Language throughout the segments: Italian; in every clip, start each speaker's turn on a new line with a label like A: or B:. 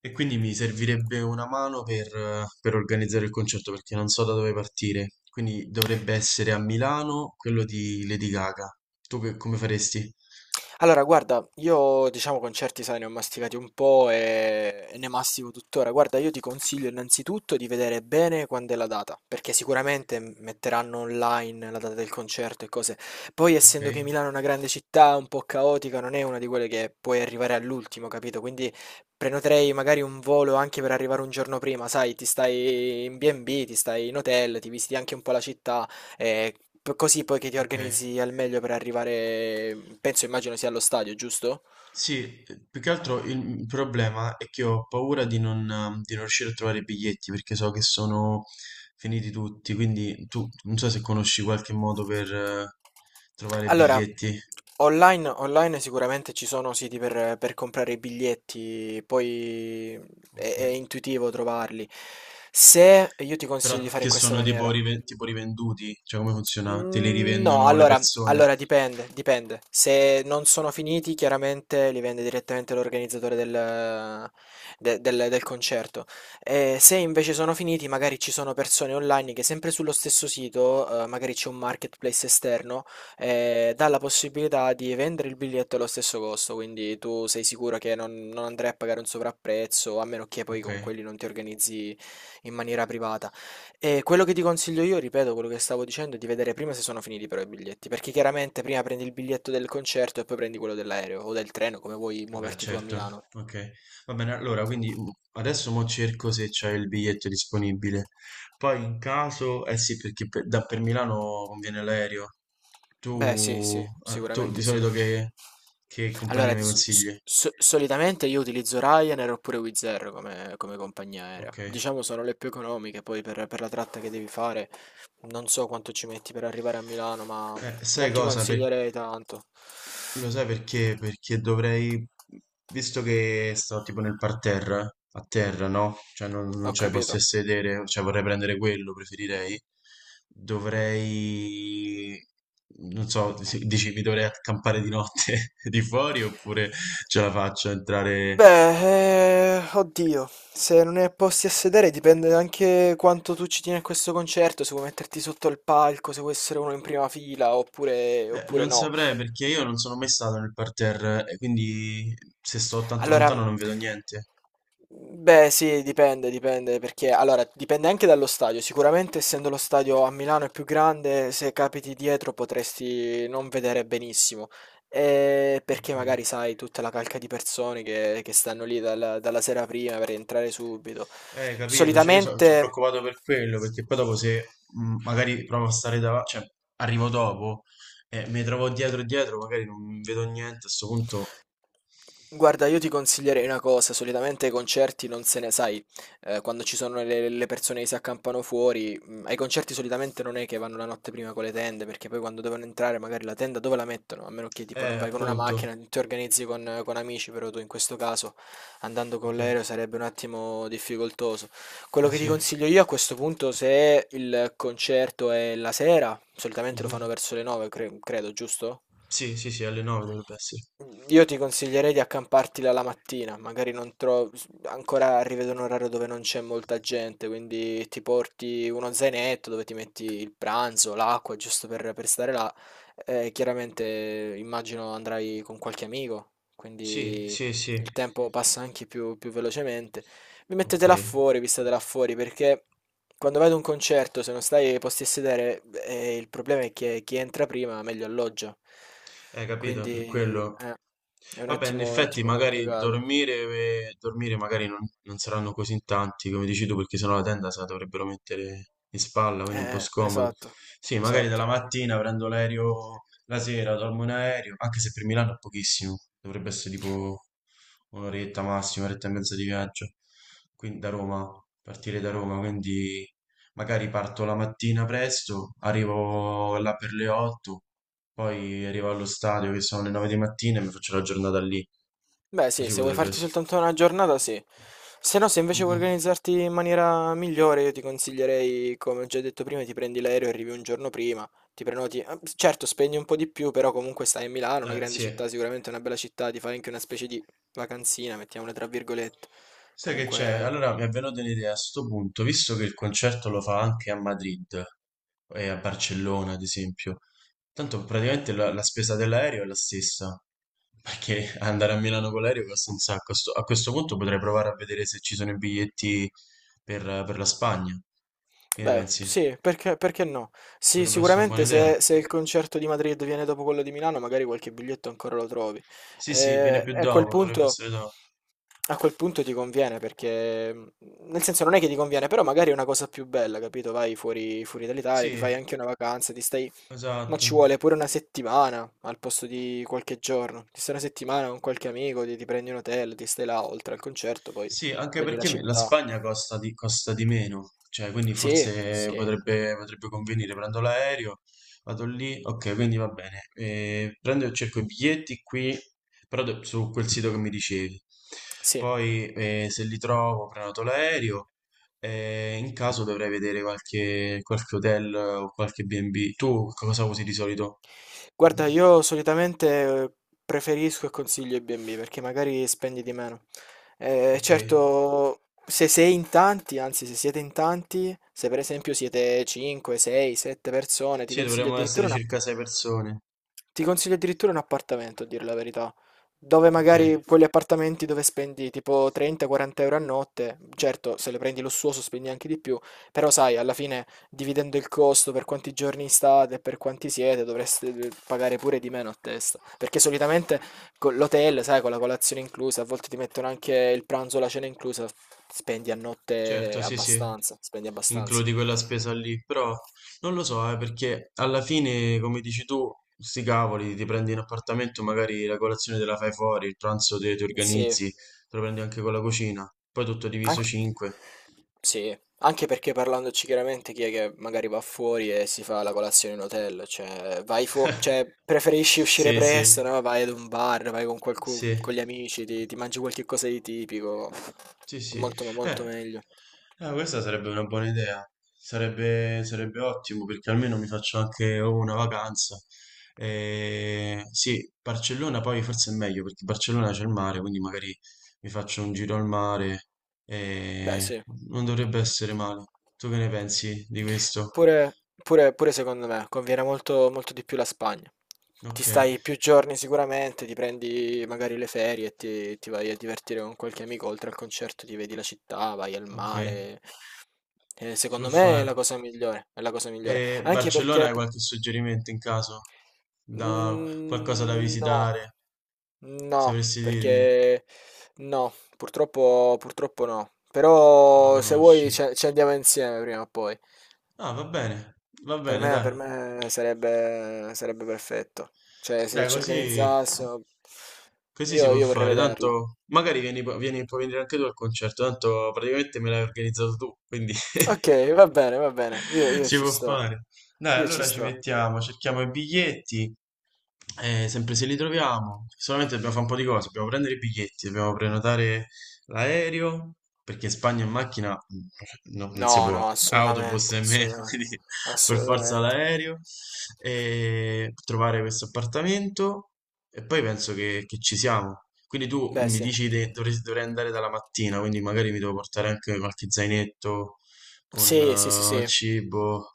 A: E quindi mi servirebbe una mano per organizzare il concerto perché non so da dove partire. Quindi dovrebbe essere a Milano quello di Lady Gaga. Tu come faresti?
B: Allora, guarda, io diciamo concerti, sai, ne ho masticati un po' e ne mastico tuttora. Guarda, io ti consiglio innanzitutto di vedere bene quando è la data, perché sicuramente metteranno online la data del concerto e cose. Poi,
A: Ok,
B: essendo che Milano è una grande città, un po' caotica, non è una di quelle che puoi arrivare all'ultimo, capito? Quindi prenoterei magari un volo anche per arrivare un giorno prima, sai, ti stai in B&B, ti stai in hotel, ti visiti anche un po' la città. Eh, Così poi che ti
A: ok.
B: organizzi al meglio per arrivare, penso, immagino sia allo stadio, giusto?
A: Sì, più che altro il problema è che ho paura di non riuscire a trovare i biglietti perché so che sono finiti tutti. Quindi tu non so se conosci qualche modo per trovare
B: Allora,
A: biglietti.
B: online sicuramente ci sono siti per comprare i biglietti, poi è,
A: Ok.
B: è intuitivo trovarli. Se io ti
A: Però
B: consiglio di fare
A: che
B: in questa
A: sono tipo,
B: maniera.
A: tipo rivenduti? Cioè come funziona? Te
B: Mm,
A: li
B: no,
A: rivendono le
B: allora,
A: persone?
B: allora dipende, dipende. Se non sono finiti, chiaramente li vende direttamente l'organizzatore del concerto. E se invece sono finiti, magari ci sono persone online che sempre sullo stesso sito, magari c'è un marketplace esterno, dà la possibilità di vendere il biglietto allo stesso costo, quindi tu sei sicuro che non andrai a pagare un sovrapprezzo, a meno che poi
A: Ok,
B: con
A: eh
B: quelli non ti organizzi in maniera privata. E quello che ti consiglio io, ripeto quello che stavo dicendo, è di vedere prima se sono finiti però i biglietti, perché chiaramente prima prendi il biglietto del concerto e poi prendi quello dell'aereo o del treno, come vuoi
A: beh,
B: muoverti tu a
A: certo,
B: Milano.
A: ok. Va bene, allora, quindi adesso mo cerco se c'è il biglietto disponibile. Poi in caso, eh sì, perché da per Milano conviene l'aereo.
B: Beh, sì,
A: Tu,
B: sì,
A: ah, tu di
B: sicuramente sì.
A: solito che
B: Allora,
A: compagnia mi
B: di
A: consigli?
B: solitamente io utilizzo Ryanair oppure Wizz Air come, come compagnia aerea.
A: Ok.
B: Diciamo sono le più economiche, poi per la tratta che devi fare, non so quanto ci metti per arrivare a Milano, ma non
A: Sai
B: ti
A: cosa?
B: consiglierei tanto.
A: Lo sai perché? Perché dovrei, visto che sto tipo nel parterre, a terra, no? Cioè non
B: Ho
A: c'ho i posti
B: capito.
A: a sedere, cioè vorrei prendere quello, preferirei. Dovrei, non so, dici mi dovrei accampare di notte di fuori oppure ce la faccio a entrare?
B: Beh, oddio, se non hai posti a sedere dipende anche quanto tu ci tieni a questo concerto, se vuoi metterti sotto il palco, se vuoi essere uno in prima fila oppure, oppure
A: Non
B: no.
A: saprei perché io non sono mai stato nel parterre e quindi se sto tanto
B: Allora,
A: lontano non vedo niente.
B: beh, sì, dipende, dipende, perché allora dipende anche dallo stadio. Sicuramente, essendo lo stadio a Milano è più grande, se capiti dietro potresti non vedere benissimo. Perché
A: Ok.
B: magari sai tutta la calca di persone che stanno lì dalla sera prima per entrare subito.
A: Capito, cioè io sono
B: Solitamente.
A: preoccupato per quello, perché poi dopo se magari provo a stare davanti, cioè arrivo dopo e mi trovo dietro e dietro, magari non vedo niente, a questo punto.
B: Guarda, io ti consiglierei una cosa, solitamente ai concerti non se ne, sai, quando ci sono le persone che si accampano fuori, ai concerti solitamente non è che vanno la notte prima con le tende, perché poi quando devono entrare magari la tenda dove la mettono? A meno che tipo non vai con una
A: Appunto,
B: macchina, ti organizzi con amici, però tu in questo caso andando con
A: ok,
B: l'aereo sarebbe un attimo difficoltoso. Quello
A: eh
B: che ti
A: sì.
B: consiglio io a questo punto, se il concerto è la sera, solitamente lo
A: Mhm.
B: fanno verso le 9, credo, giusto?
A: Sì, sì, sì, alle 9 dovrebbe essere.
B: Io ti consiglierei di accamparti là la mattina, magari non trovi, ancora arrivi ad un orario dove non c'è molta gente, quindi ti porti uno zainetto dove ti metti il pranzo, l'acqua, giusto per stare là. Chiaramente immagino andrai con qualche amico,
A: Sì,
B: quindi
A: sì, sì,
B: il tempo passa anche più velocemente. Vi
A: ok.
B: mettete là fuori, vi state là fuori, perché quando vai ad un concerto, se non stai ai posti a sedere, il problema è che chi entra prima meglio alloggia.
A: Capito,
B: Quindi,
A: per quello.
B: è
A: Vabbè, in
B: un
A: effetti
B: attimo
A: magari
B: complicato.
A: dormire magari non saranno così in tanti, come dici tu, perché sennò la tenda se la dovrebbero mettere in spalla, quindi è un po' scomodo.
B: Esatto,
A: Sì, magari
B: esatto.
A: dalla mattina prendo l'aereo, la sera dormo in aereo, anche se per Milano è pochissimo, dovrebbe essere tipo un'oretta massima, un'oretta e mezza di viaggio, quindi da Roma, partire da Roma, quindi magari parto la mattina presto, arrivo là per le 8, poi arrivo allo stadio che sono le 9 di mattina e mi faccio la giornata lì.
B: Beh, sì,
A: Così
B: se vuoi
A: potrebbe
B: farti
A: essere.
B: soltanto una giornata, sì. Se no, se invece vuoi
A: Mm-mm.
B: organizzarti in maniera migliore, io ti consiglierei, come ho già detto prima, ti prendi l'aereo e arrivi un giorno prima, ti prenoti. Eh, certo, spendi un po' di più, però comunque stai a Milano, una grande
A: Sì.
B: città, sicuramente una bella città, ti fai anche una specie di vacanzina, mettiamola tra virgolette.
A: Sai che c'è?
B: Comunque.
A: Allora mi è venuta un'idea a sto punto, visto che il concerto lo fa anche a Madrid e a Barcellona, ad esempio. Tanto praticamente la spesa dell'aereo è la stessa, perché andare a Milano con l'aereo costa un sacco. A questo punto potrei provare a vedere se ci sono i biglietti per la Spagna. Che ne
B: Beh,
A: pensi?
B: sì, perché, perché no? Sì,
A: Potrebbe essere una buona
B: sicuramente
A: idea.
B: se, se il concerto di Madrid viene dopo quello di Milano, magari qualche biglietto ancora lo trovi.
A: Sì, sì, viene più
B: E
A: dopo, dovrebbe essere dopo.
B: a quel punto ti conviene, perché nel senso non è che ti conviene, però magari è una cosa più bella, capito? Vai fuori, fuori dall'Italia, ti fai
A: Sì,
B: anche una vacanza, ti stai... Ma
A: esatto.
B: ci vuole pure una settimana al posto di qualche giorno. Ti stai una settimana con qualche amico, ti prendi un hotel, ti stai là oltre al concerto, poi
A: Sì, anche
B: vedi la
A: perché la
B: città.
A: Spagna costa costa di meno, cioè quindi
B: Sì,
A: forse
B: sì.
A: potrebbe convenire. Prendo l'aereo, vado lì, ok, quindi va bene. Prendo e cerco i biglietti qui, però su quel sito che mi dicevi.
B: Sì.
A: Poi se li trovo, prenoto l'aereo. E in caso dovrei vedere qualche, qualche hotel o qualche B&B. Tu cosa usi di solito?
B: Guarda, io solitamente eh, preferisco e consiglio i B&B perché magari spendi di meno.
A: Ok?
B: Certo, se sei in tanti, anzi se siete in tanti, se per esempio siete 5, 6, 7 persone, ti
A: Sì,
B: consiglio
A: dovremmo
B: addirittura
A: essere
B: un
A: circa 6 persone.
B: appartamento, a dire la verità. Dove
A: Ok.
B: magari quegli appartamenti dove spendi tipo 30-40 € a notte, certo, se lo prendi lussuoso spendi anche di più, però sai, alla fine dividendo il costo per quanti giorni state e per quanti siete, dovreste pagare pure di meno a testa. Perché solitamente con l'hotel, sai, con la colazione inclusa, a volte ti mettono anche il pranzo, la cena inclusa, spendi a notte
A: Certo, sì, sì,
B: abbastanza, spendi abbastanza.
A: includi quella spesa lì, però non lo so, perché alla fine, come dici tu, sti cavoli, ti prendi un appartamento, magari la colazione te la fai fuori, il pranzo te ti
B: Sì.
A: organizzi, te lo prendi anche con la cucina, poi tutto diviso
B: Anch
A: 5.
B: Sì, anche perché parlandoci chiaramente chi è che magari va fuori e si fa la colazione in hotel, cioè vai cioè preferisci uscire
A: Sì, sì,
B: presto, no? Vai ad un bar, vai con qualcuno,
A: sì.
B: con gli amici, ti mangi qualche cosa di tipico,
A: Sì,
B: è
A: sì.
B: molto ma molto
A: Eh,
B: meglio.
A: questa sarebbe una buona idea. Sarebbe ottimo perché almeno mi faccio anche oh, una vacanza. Sì, Barcellona poi forse è meglio perché Barcellona c'è il mare, quindi magari mi faccio un giro al mare.
B: Beh,
A: Eh,
B: sì.
A: non dovrebbe essere male. Tu che ne pensi di questo?
B: Pure, pure secondo me conviene molto, molto di più la Spagna. Ti
A: Ok,
B: stai più giorni sicuramente, ti prendi magari le ferie e ti vai a divertire con qualche amico, oltre al concerto ti vedi la città, vai al
A: ok,
B: mare.
A: si può
B: Secondo me è
A: fare.
B: la cosa migliore, è la cosa migliore.
A: E
B: Anche
A: Barcellona
B: perché...
A: hai qualche suggerimento in caso? Da qualcosa da
B: Mm, no,
A: visitare?
B: No,
A: Sapresti dirmi?
B: perché no, purtroppo, purtroppo no.
A: La
B: Però se vuoi
A: conosci.
B: ci andiamo insieme prima o poi.
A: Ah, va
B: Per
A: bene,
B: me,
A: dai.
B: per me sarebbe, sarebbe perfetto. Cioè, se
A: Dai,
B: ci
A: così,
B: organizzassimo,
A: così si
B: io,
A: può
B: io vorrei
A: fare.
B: vederla.
A: Tanto, magari puoi venire anche tu al concerto. Tanto praticamente me l'hai organizzato tu, quindi
B: Ok, va bene, va bene. Io, io
A: si
B: ci
A: può
B: sto.
A: fare. Dai,
B: Io ci
A: allora ci
B: sto.
A: mettiamo, cerchiamo i biglietti sempre se li troviamo, solamente dobbiamo fare un po' di cose, dobbiamo prendere i biglietti, dobbiamo prenotare l'aereo, perché in Spagna in macchina non si
B: No,
A: può,
B: no,
A: autobus
B: assolutamente,
A: nemmeno,
B: assolutamente.
A: quindi per forza
B: Assolutamente.
A: l'aereo, e trovare questo appartamento e poi penso che ci siamo. Quindi tu
B: Beh,
A: mi
B: sì.
A: dici che dovrei andare dalla mattina, quindi magari mi devo portare anche qualche zainetto
B: Sì, sì, sì,
A: con
B: sì.
A: cibo.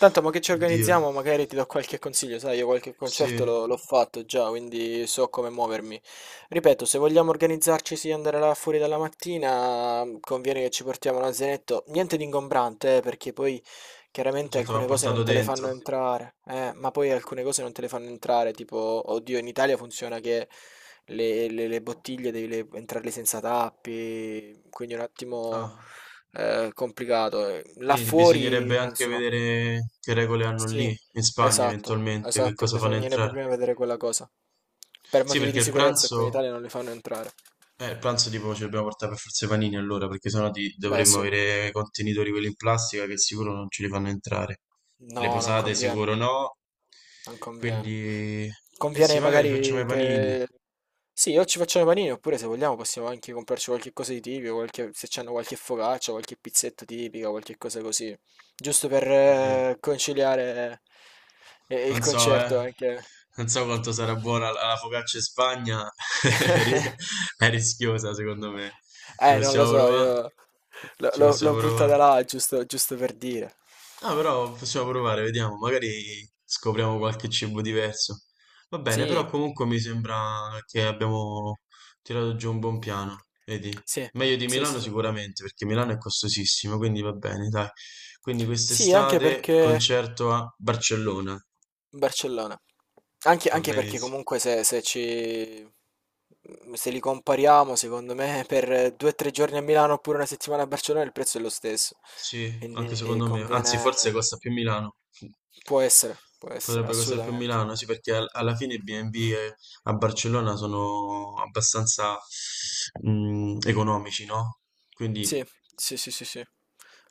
B: Tanto, ma che ci
A: Oddio,
B: organizziamo? Magari ti do qualche consiglio, sai, io qualche
A: sì.
B: concerto l'ho fatto già, quindi so come muovermi. Ripeto, se vogliamo organizzarci, sì, andare là fuori dalla mattina, conviene che ci portiamo l'azionetto. Niente di ingombrante, perché poi chiaramente
A: Certo, va
B: alcune cose
A: portato
B: non te le
A: dentro.
B: fanno entrare, ma poi alcune cose non te le fanno entrare, tipo, oddio, in Italia funziona che le bottiglie devi entrarle senza tappi, quindi un attimo
A: Ah,
B: è complicato. Là
A: quindi
B: fuori,
A: bisognerebbe
B: non
A: anche
B: so.
A: vedere che regole hanno
B: Sì,
A: lì, in Spagna
B: esatto,
A: eventualmente, che
B: esatto.
A: cosa fanno
B: Bisognerebbe
A: entrare.
B: prima vedere quella cosa. Per
A: Sì,
B: motivi
A: perché
B: di sicurezza qui in Italia non li fanno entrare.
A: il pranzo tipo ci dobbiamo portare per forza i panini allora, perché sennò
B: Beh,
A: dovremmo
B: sì.
A: avere i contenitori quelli in plastica che sicuro non ce li fanno entrare.
B: No,
A: Le
B: non
A: posate
B: conviene,
A: sicuro no,
B: non conviene.
A: quindi. Eh sì,
B: Conviene
A: magari facciamo
B: magari
A: i panini.
B: che... Sì, o ci facciamo i panini, oppure se vogliamo possiamo anche comprarci qualche cosa di tipico, qualche- se c'hanno qualche focaccia, qualche pizzetta tipica, qualche cosa così. Giusto per
A: Oddio.
B: conciliare il
A: Non so, eh.
B: concerto anche.
A: Non so quanto sarà buona la la focaccia in Spagna. È ri- è rischiosa, secondo me. Ci
B: Non lo
A: possiamo
B: so,
A: provare?
B: io
A: Ci
B: l'ho
A: possiamo
B: buttata
A: provare.
B: là giusto, giusto per dire.
A: No, però possiamo provare, vediamo. Magari scopriamo qualche cibo diverso. Va bene, però
B: Sì,
A: comunque mi sembra che abbiamo tirato giù un buon piano. Vedi?
B: sì,
A: Meglio di
B: sì, sì,
A: Milano
B: sì.
A: sicuramente, perché Milano è costosissimo, quindi va bene, dai. Quindi
B: Sì, anche
A: quest'estate
B: perché
A: concerto a Barcellona.
B: Barcellona. Anche,
A: Va
B: anche perché
A: benissimo.
B: comunque se, se li compariamo, secondo me, per 2 o 3 giorni a Milano oppure una settimana a Barcellona il prezzo è lo stesso.
A: Sì, anche
B: Quindi
A: secondo me. Anzi,
B: conviene...
A: forse costa più Milano.
B: Può essere,
A: Potrebbe costare più
B: assolutamente.
A: Milano, sì, perché alla fine i B&B a Barcellona sono abbastanza economici, no? Quindi
B: Sì, sì, sì, sì, sì.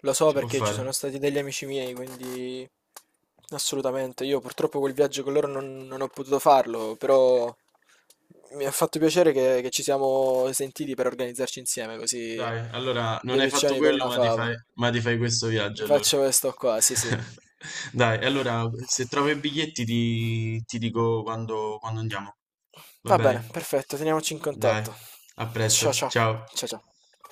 B: Lo so
A: si può
B: perché ci sono
A: fare.
B: stati degli amici miei, quindi assolutamente. Io purtroppo quel viaggio con loro non ho potuto farlo, però mi ha fatto piacere che ci siamo sentiti per organizzarci insieme, così
A: Dai, allora non
B: due
A: hai fatto
B: piccioni con
A: quello,
B: una fava.
A: ma ti fai questo
B: Mi
A: viaggio allora.
B: faccio questo qua, sì, sì.
A: Dai, allora se trovo i biglietti ti dico quando andiamo. Va
B: Va bene,
A: bene?
B: perfetto, teniamoci in
A: Dai,
B: contatto.
A: a
B: Ciao
A: presto,
B: ciao,
A: ciao.
B: ciao ciao.